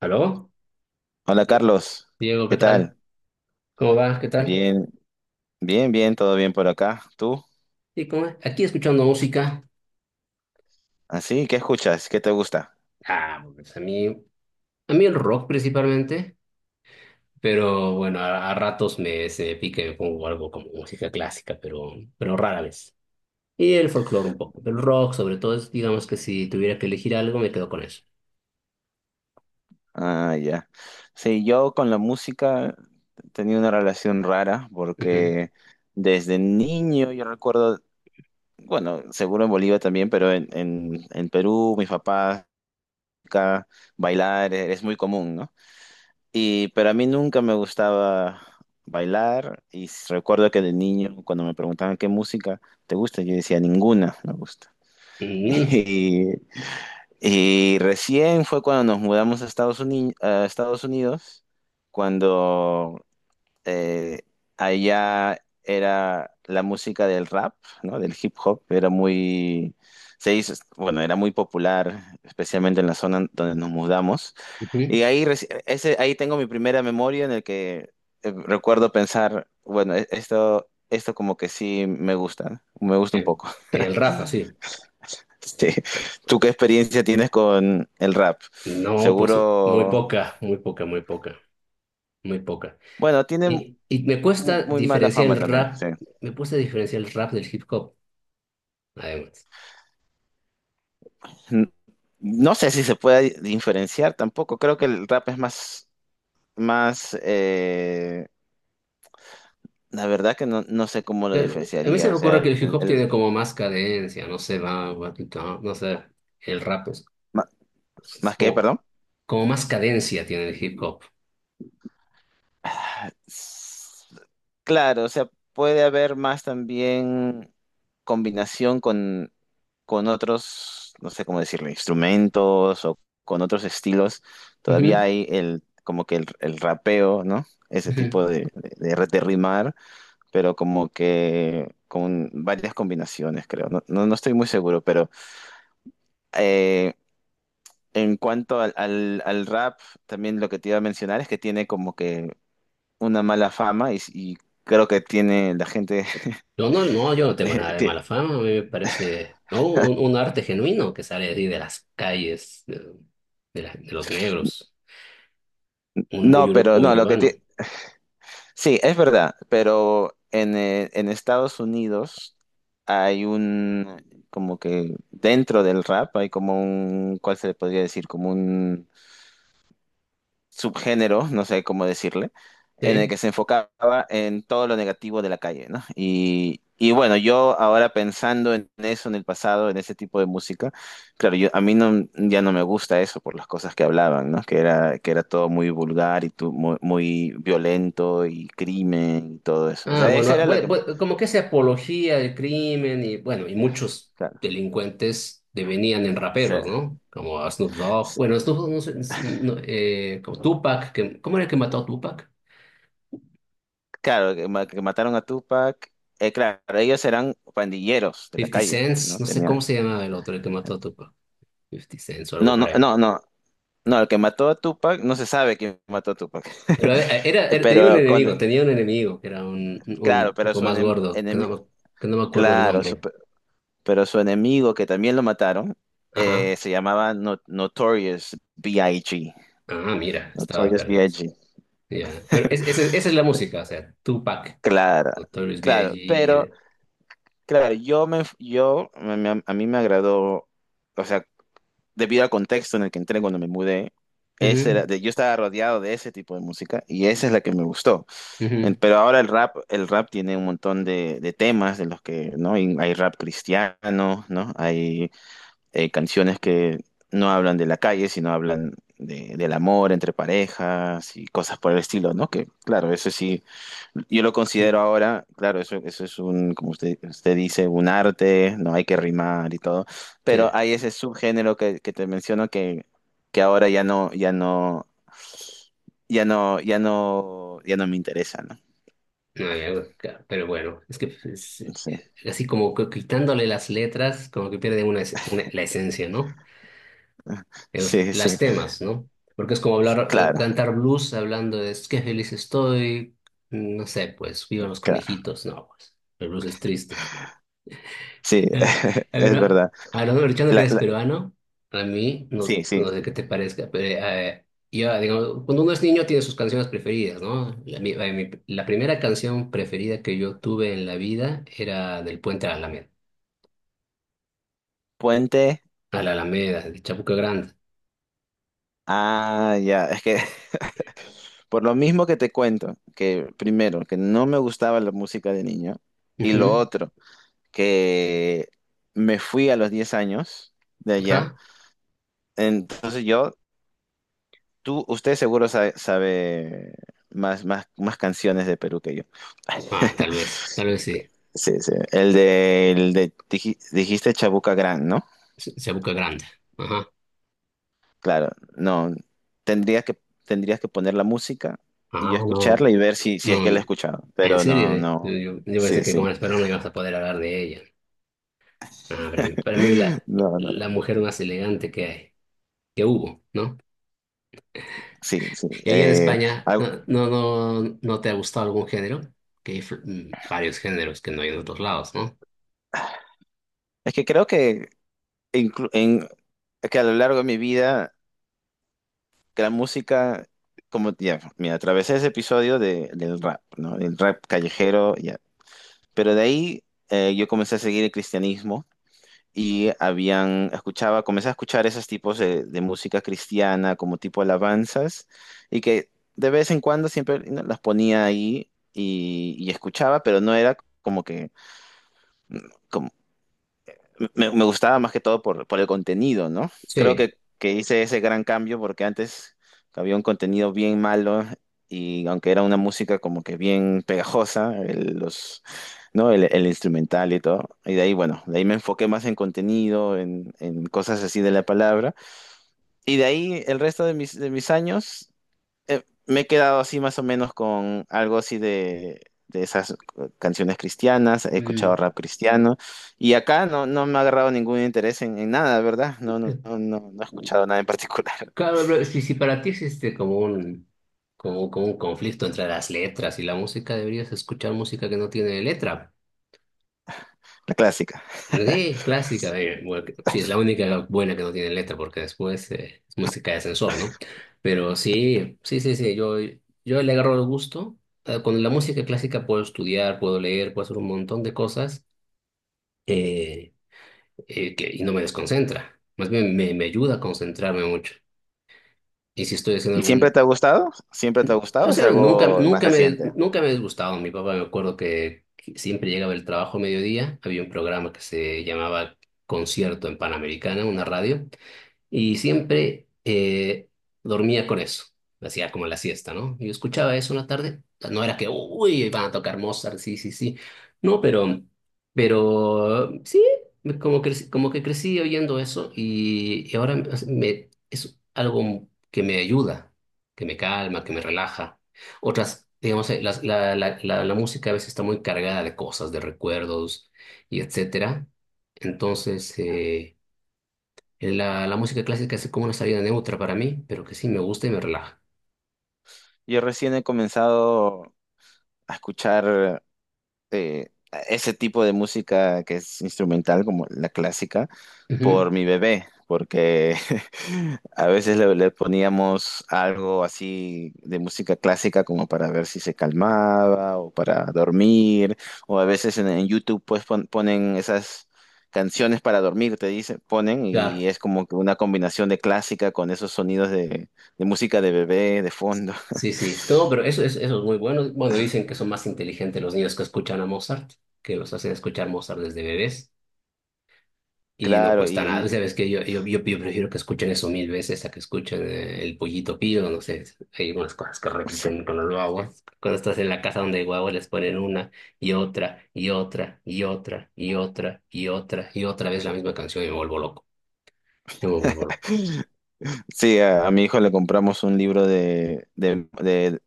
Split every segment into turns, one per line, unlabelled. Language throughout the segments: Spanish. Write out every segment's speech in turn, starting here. ¿Aló?
Hola Carlos,
Diego, ¿qué
¿qué tal?
tal? ¿Cómo vas? ¿Qué tal?
Bien, bien, bien, todo bien por acá. ¿Tú?
¿Y cómo es? Aquí escuchando música.
¿Así? ¿Qué escuchas? ¿Qué te gusta?
Ah, pues a mí el rock principalmente, pero bueno, a ratos me, se me pica y me pongo algo como música clásica, pero rara vez. Y el folclore un poco, pero el rock sobre todo es, digamos que si tuviera que elegir algo, me quedo con eso.
Ah, ya. Sí, yo con la música tenía una relación rara
Ujú.
porque desde niño yo recuerdo, bueno, seguro en Bolivia también, pero en Perú, mis papás, acá, bailar es muy común, ¿no? Y, pero a mí nunca me gustaba bailar y recuerdo que de niño cuando me preguntaban qué música te gusta, yo decía ninguna me gusta.
Mm,
Y, y recién fue cuando nos mudamos a Estados Unidos, cuando eh, allá era la música del rap, ¿no? Del hip hop, era muy, se hizo, bueno, era muy popular, especialmente en la zona donde nos mudamos.
ujú.
Y ahí, ese, ahí tengo mi primera memoria en el que recuerdo pensar, bueno, esto como que sí me gusta, ¿no? Me gusta un
El,
poco.
el rap, así.
Sí. ¿Tú qué experiencia tienes con el rap?
No, pues muy
Seguro,
poca, muy poca, muy poca, muy poca.
bueno, tiene
Y
mu- muy mala fama también, sí.
me cuesta diferenciar el rap del hip hop, además.
N- No sé si se puede diferenciar tampoco. Creo que el rap es más, la verdad que no sé cómo lo
Pero a mí se
diferenciaría.
me
O sea,
ocurre que el hip hop tiene como más cadencia, no sé, no sé, el rap es,
ma-
es
más que,
como,
perdón.
como más cadencia tiene el hip hop.
S- Claro, o sea, puede haber más también combinación con otros, no sé cómo decirlo, instrumentos o con otros estilos. Todavía
Ujú,
hay el, como que el rapeo, ¿no? Ese
ujú.
tipo de rimar, pero como que con varias combinaciones, creo. No, no, no estoy muy seguro, pero eh, en cuanto al rap, también lo que te iba a mencionar es que tiene como que una mala fama y creo que tiene la gente.
Yo no, no, yo no tengo nada de
te-
mala fama, a mí me parece, ¿no? Un arte genuino que sale así de las calles, de los negros, un
no, pero
muy
no, lo que
urbano,
te. Sí, es verdad, pero en Estados Unidos hay un, como que dentro del rap hay como un. ¿Cuál se le podría decir? Como un subgénero, no sé cómo decirle, en el
¿sí?
que se enfocaba en todo lo negativo de la calle, ¿no? Y bueno, yo ahora pensando en eso, en el pasado, en ese tipo de música, claro, yo, a mí no, ya no me gusta eso por las cosas que hablaban, ¿no? Que era todo muy vulgar y muy, muy violento y crimen y todo eso. O
Ah,
sea, esa
bueno,
era la que.
como que se apología del crimen y bueno, y muchos
Claro,
delincuentes devenían en
sí.
raperos, ¿no? Como a Snoop Dogg,
Sí.
bueno, Snoop Dogg, no sé, si- no, como Tupac, que, ¿cómo era el que mató a Tupac?
Claro, que mataron a Tupac. Claro, ellos eran pandilleros de la
Fifty
calle,
Cents,
¿no?
no sé cómo
Tenía.
se llamaba el otro, el que mató a Tupac, Fifty Cents o algo
No,
por
no,
ahí.
no, no. No, el que mató a Tupac, no se sabe quién mató a Tupac.
Pero tenía un
Pero con,
enemigo, que era un
claro,
tipo más gordo, que no me acuerdo el
claro, su-
nombre.
pero su enemigo que también lo mataron,
Ajá,
se llamaba Notorious B.I.G.
ah, mira, estaba
Notorious
perdido.
B.I.G.
Ya, pero esa es la música, o sea, Tupac.
Claro,
Notorious
claro,
B.I.G.
pero claro, a mí me agradó, o sea, debido al contexto en el que entré cuando me mudé,
Ujú,
yo estaba rodeado de ese tipo de música y esa es la que me gustó.
ujú,
Pero ahora el rap tiene un montón de temas en los que, ¿no? Y hay rap cristiano, ¿no? Hay canciones que no hablan de la calle, sino hablan del amor entre parejas y cosas por el estilo, ¿no? Que, claro, eso sí, yo lo
ujú.
considero ahora, claro, eso es un, como usted dice, un arte, no hay que rimar y todo,
Sí,
pero hay ese subgénero que te menciono que ahora ya no, ya no, ya no me interesa, ¿no?
no hay algo, pero bueno, es que es
Sí.
así, como que quitándole las letras, como que pierde una, la esencia, ¿no? En Los,
Sí,
las
sí,
temas, ¿no? Porque es como hablar,
claro,
cantar blues hablando de es que feliz estoy, no sé, pues, vivan los
claro.
conejitos, no, pues, el blues es triste.
Sí,
Eh, pero
es verdad.
hablando, aprovechando que
La-
eres
la-
peruano, a mí no,
sí, sí.
no sé qué te parezca, pero yo, digamos, cuando uno es niño tiene sus canciones preferidas, ¿no? La primera canción preferida que yo tuve en la vida era del Puente a la Alameda,
Puente.
de Chabuca Grande.
Ah, ya. Es que por lo mismo que te cuento, que primero, que no me gustaba la música de niño, y lo
Ujú.
otro, que me fui a los 10 años de allá.
Ajá.
Entonces yo, tú, usted seguro sabe, más canciones de Perú que yo.
Ah, tal vez sí.
Sí, sí. El de dijiste Chabuca Gran, ¿no?
Chabuca Grande. Ajá.
Claro, no, tendrías que, tendrías que poner la música
Ah,
y yo
no,
escucharla y ver si, si es que la he
no,
escuchado,
en
pero
serio,
no,
eh. Yo,
no,
yo pensé
sí,
que
sí,
como eres peruano ibas a poder hablar de ella. Ah, para mí es la,
no, no,
la mujer más elegante que hay, que hubo, ¿no?
sí, sí.
Y ahí en España,
Algo-
¿no, no, no, no te ha gustado algún género? Que hay varios géneros que no hay en otros lados, ¿no?
es que creo que, inclu- en, que a lo largo de mi vida, que la música, como, ya, mira, atravesé ese episodio de, del rap, ¿no? El rap callejero, ya, pero de ahí yo comencé a seguir el cristianismo. Y habían, escuchaba, comencé a escuchar esos tipos de música cristiana como tipo alabanzas y que de vez en cuando siempre ¿no? las ponía ahí y escuchaba, pero no era como que como- me gustaba más que todo por el contenido, ¿no? Creo
Sí.
que hice ese gran cambio porque antes había un contenido bien malo y aunque era una música como que bien pegajosa, el- los ¿no? El instrumental y todo. Y de ahí, bueno, de ahí me enfoqué más en contenido, en cosas así de la palabra. Y de ahí el resto de mis años me he quedado así más o menos con algo así de esas canciones cristianas, he escuchado
Mm,
rap cristiano. Y acá no me ha agarrado ningún interés en nada, ¿verdad? No,
eh,
no, no, no, no he escuchado nada en particular.
Claro, pero si para ti existe como un conflicto entre las letras y la música, deberías escuchar música que no tiene letra.
La clásica.
Sí, clásica. Bueno, sí, es la única buena que no tiene letra porque después es música de ascensor, ¿no? Pero sí, sí, sí, sí, yo le agarro el gusto. Con la música clásica puedo estudiar, puedo leer, puedo hacer un montón de cosas, eh, y no me desconcentra. Más bien me ayuda a concentrarme mucho. Y si estoy haciendo
¿Y siempre
algún...
te ha gustado? ¿Siempre te ha gustado?
O
¿O es
sea,
algo más reciente?
nunca me he disgustado. Mi papá, me acuerdo, que siempre llegaba el trabajo a mediodía. Había un programa que se llamaba Concierto en Panamericana, una radio. Y siempre dormía con eso. Hacía como la siesta, ¿no? Yo escuchaba eso una tarde. No era que, uy, van a tocar Mozart, sí, sí, sí. No, pero sí, como que crecí oyendo eso, y, ahora es algo que me ayuda, que me calma, que me relaja. Otras, digamos, la música a veces está muy cargada de cosas, de recuerdos, y etcétera. Entonces, la música clásica es como una salida neutra para mí, pero que sí me gusta y me relaja.
Yo recién he comenzado a escuchar. eh, ese tipo de música que es instrumental, como la clásica,
Ujú,
por mi bebé, porque a veces le poníamos algo así de música clásica como para ver si se calmaba o para dormir, o a veces en YouTube pues ponen esas canciones para dormir, te dicen, ponen y
claro,
es como que una combinación de clásica con esos sonidos de música de bebé de fondo.
sí, sí. No, pero eso es muy bueno. Bueno, dicen que son más inteligentes los niños que escuchan a Mozart, que los hacen escuchar Mozart desde bebés, y no
Claro,
cuesta nada.
y.
Sabes que yo prefiero que escuchen eso mil veces a que escuchen el pollito pío, no sé. Hay unas cosas que repiten con los guaguas. Cuando estás en la casa donde hay guaguas les ponen una y otra y otra y otra y otra y otra y otra vez la misma canción y me vuelvo loco. Yo me vuelvo loco.
Sí, a mi hijo le compramos un libro de, de, de-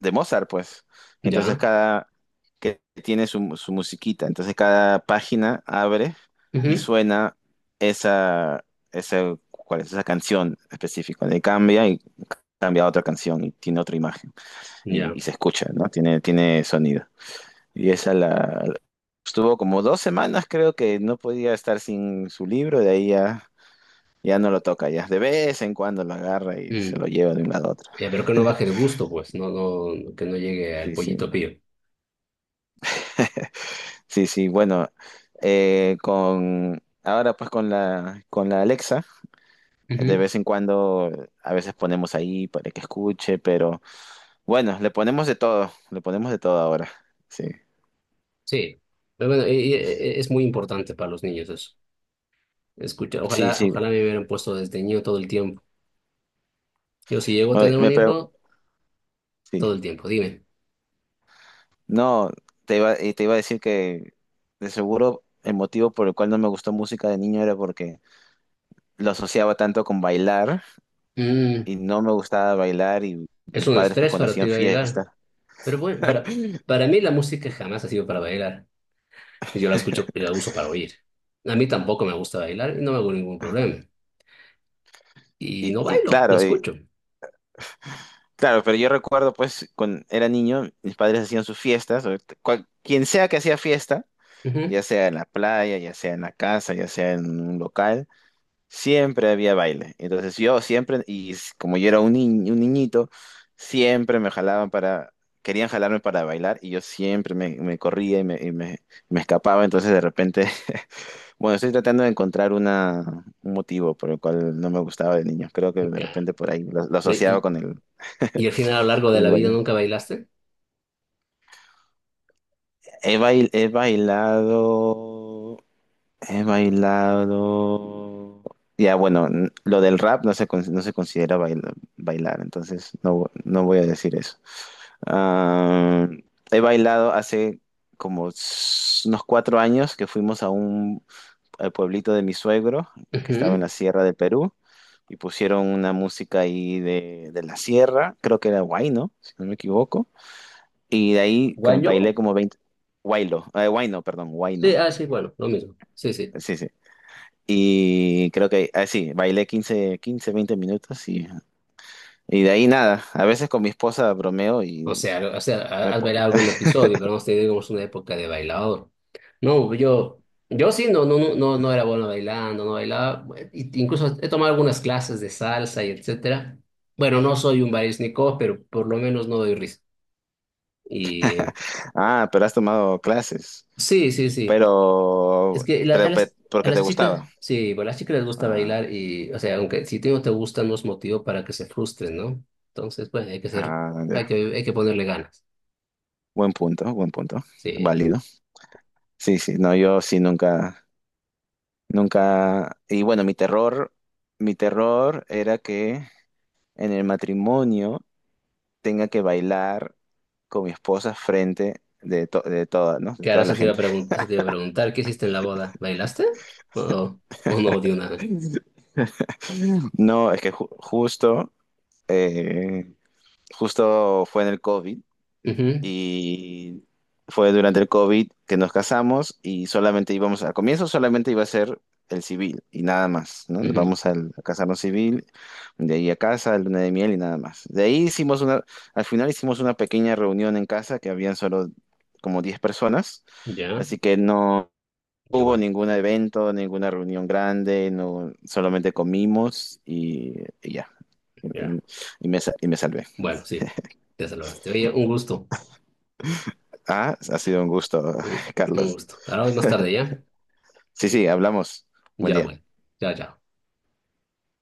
de Mozart, pues. Entonces
Ya,
cada, que tiene su musiquita, entonces cada página abre y
ujú.
suena esa, esa, ¿cuál es? Esa canción específica. Le cambia y cambia a otra canción y tiene otra imagen y,
Ya.
y se escucha, ¿no? Tiene sonido. Y esa la, estuvo como 2 semanas creo que no podía estar sin su libro, de ahí ya. Ya no lo toca, ya. De vez en cuando lo agarra y
Mm.
se lo lleva de un lado a otro.
Pero que no baje de gusto, pues, no, no, que no llegue al
Sí, sí.
pollito pío.
Sí, sí. Bueno, con ahora pues con la Alexa, de
Ujú,
vez en cuando a veces ponemos ahí para que escuche, pero bueno, le ponemos de todo, le ponemos de todo ahora. Sí.
sí, pero bueno, es muy importante para los niños eso. Escucha,
Sí,
ojalá,
sí.
ojalá me hubieran puesto desde niño todo el tiempo. Yo si llego a
Oye,
tener un hijo, todo
sí.
el tiempo, dime.
No, te iba a decir que de seguro el motivo por el cual no me gustó música de niño era porque lo asociaba tanto con bailar
Mm,
y no me gustaba bailar y
es
mis
un
padres pues
estrés
cuando
para ti
hacían
bailar,
fiesta
pero bueno, para mí la música jamás ha sido para bailar. Yo la escucho, la uso para oír. A mí tampoco me gusta bailar y no me hago ningún problema. Y
y,
no
y
bailo, la
claro, y-
escucho.
claro, pero yo recuerdo pues cuando era niño mis padres hacían sus fiestas, o quien sea que hacía fiesta,
Ujú.
ya sea en la playa, ya sea en la casa, ya sea en un local, siempre había baile. Entonces yo siempre, como yo era un, ni- un niñito, siempre me jalaban para. Querían jalarme para bailar y yo siempre me corría y me escapaba, entonces de repente. Bueno, estoy tratando de encontrar un motivo por el cual no me gustaba de niño. Creo que de
Ok.
repente por ahí lo
Ve,
asociaba
¿Y,
con el,
y al final a lo largo
con
de
el
la vida
baile.
nunca bailaste?
He bailado. He bailado. Ya, bueno, lo del rap no se considera bailar, entonces no voy a decir eso. Ah, he bailado hace como unos 4 años que fuimos a un al pueblito de mi suegro, que estaba en
Ujú.
la sierra de Perú. Y pusieron una música ahí de la sierra, creo que era Huayno, si no me equivoco, y de ahí que
¿Guañó?
bailé como 20 Huaylo, Huayno, perdón,
Sí,
Huayno,
ah, sí, bueno, lo mismo. Sí, sí.
sí, sí, y creo que, ah, sí, bailé 15 15 20 minutos y de ahí nada, a veces con mi esposa bromeo
O
y
sea,
me
has
po-
bailado algún episodio, pero hemos tenido, digamos, una época de bailador. No, yo sí, no, no, no, no, no era bueno bailando, no bailaba. Bueno, incluso he tomado algunas clases de salsa y etcétera. Bueno, no soy un barísnico, pero por lo menos no doy risa. Y
ah, pero has tomado clases,
sí, sí, sí. Es que a
porque te
las
gustaba,
chicas, sí, bueno, a las chicas les gusta
ah,
bailar y, o sea, aunque si te no te gusta, no es motivo para que se frustren, ¿no? Entonces, pues hay que ser,
ah, ya.
hay que ponerle ganas.
Buen punto,
Sí.
válido. Sí, sí, no, yo sí nunca, nunca, y bueno, mi terror era que en el matrimonio tenga que bailar con mi esposa frente de toda, ¿no? De
Claro,
toda la gente.
eso te iba a preguntar, ¿qué hiciste en la boda? ¿Bailaste? ¿O, o no dio nada?
No, es que eh, justo fue en el COVID
Ujú,
y fue durante el COVID que nos casamos y solamente íbamos, al comienzo solamente iba a ser el civil y nada más, ¿no? Nos
ujú.
vamos a casarnos civil, de ahí a casa, luna de miel y nada más. De ahí al final hicimos una pequeña reunión en casa que habían solo como 10 personas,
Ya,
así que no hubo
igual,
ningún evento, ninguna reunión grande, no, solamente comimos y ya. Y,
ya.
y- y me salvé.
Bueno, sí, te salvaste. Oye, un gusto,
Ah, ha sido un gusto,
un, un
Carlos.
gusto. Hablamos más tarde, ¿ya?
Sí, sí, hablamos. Buen
Ya, bueno.
día.
Ya, ya.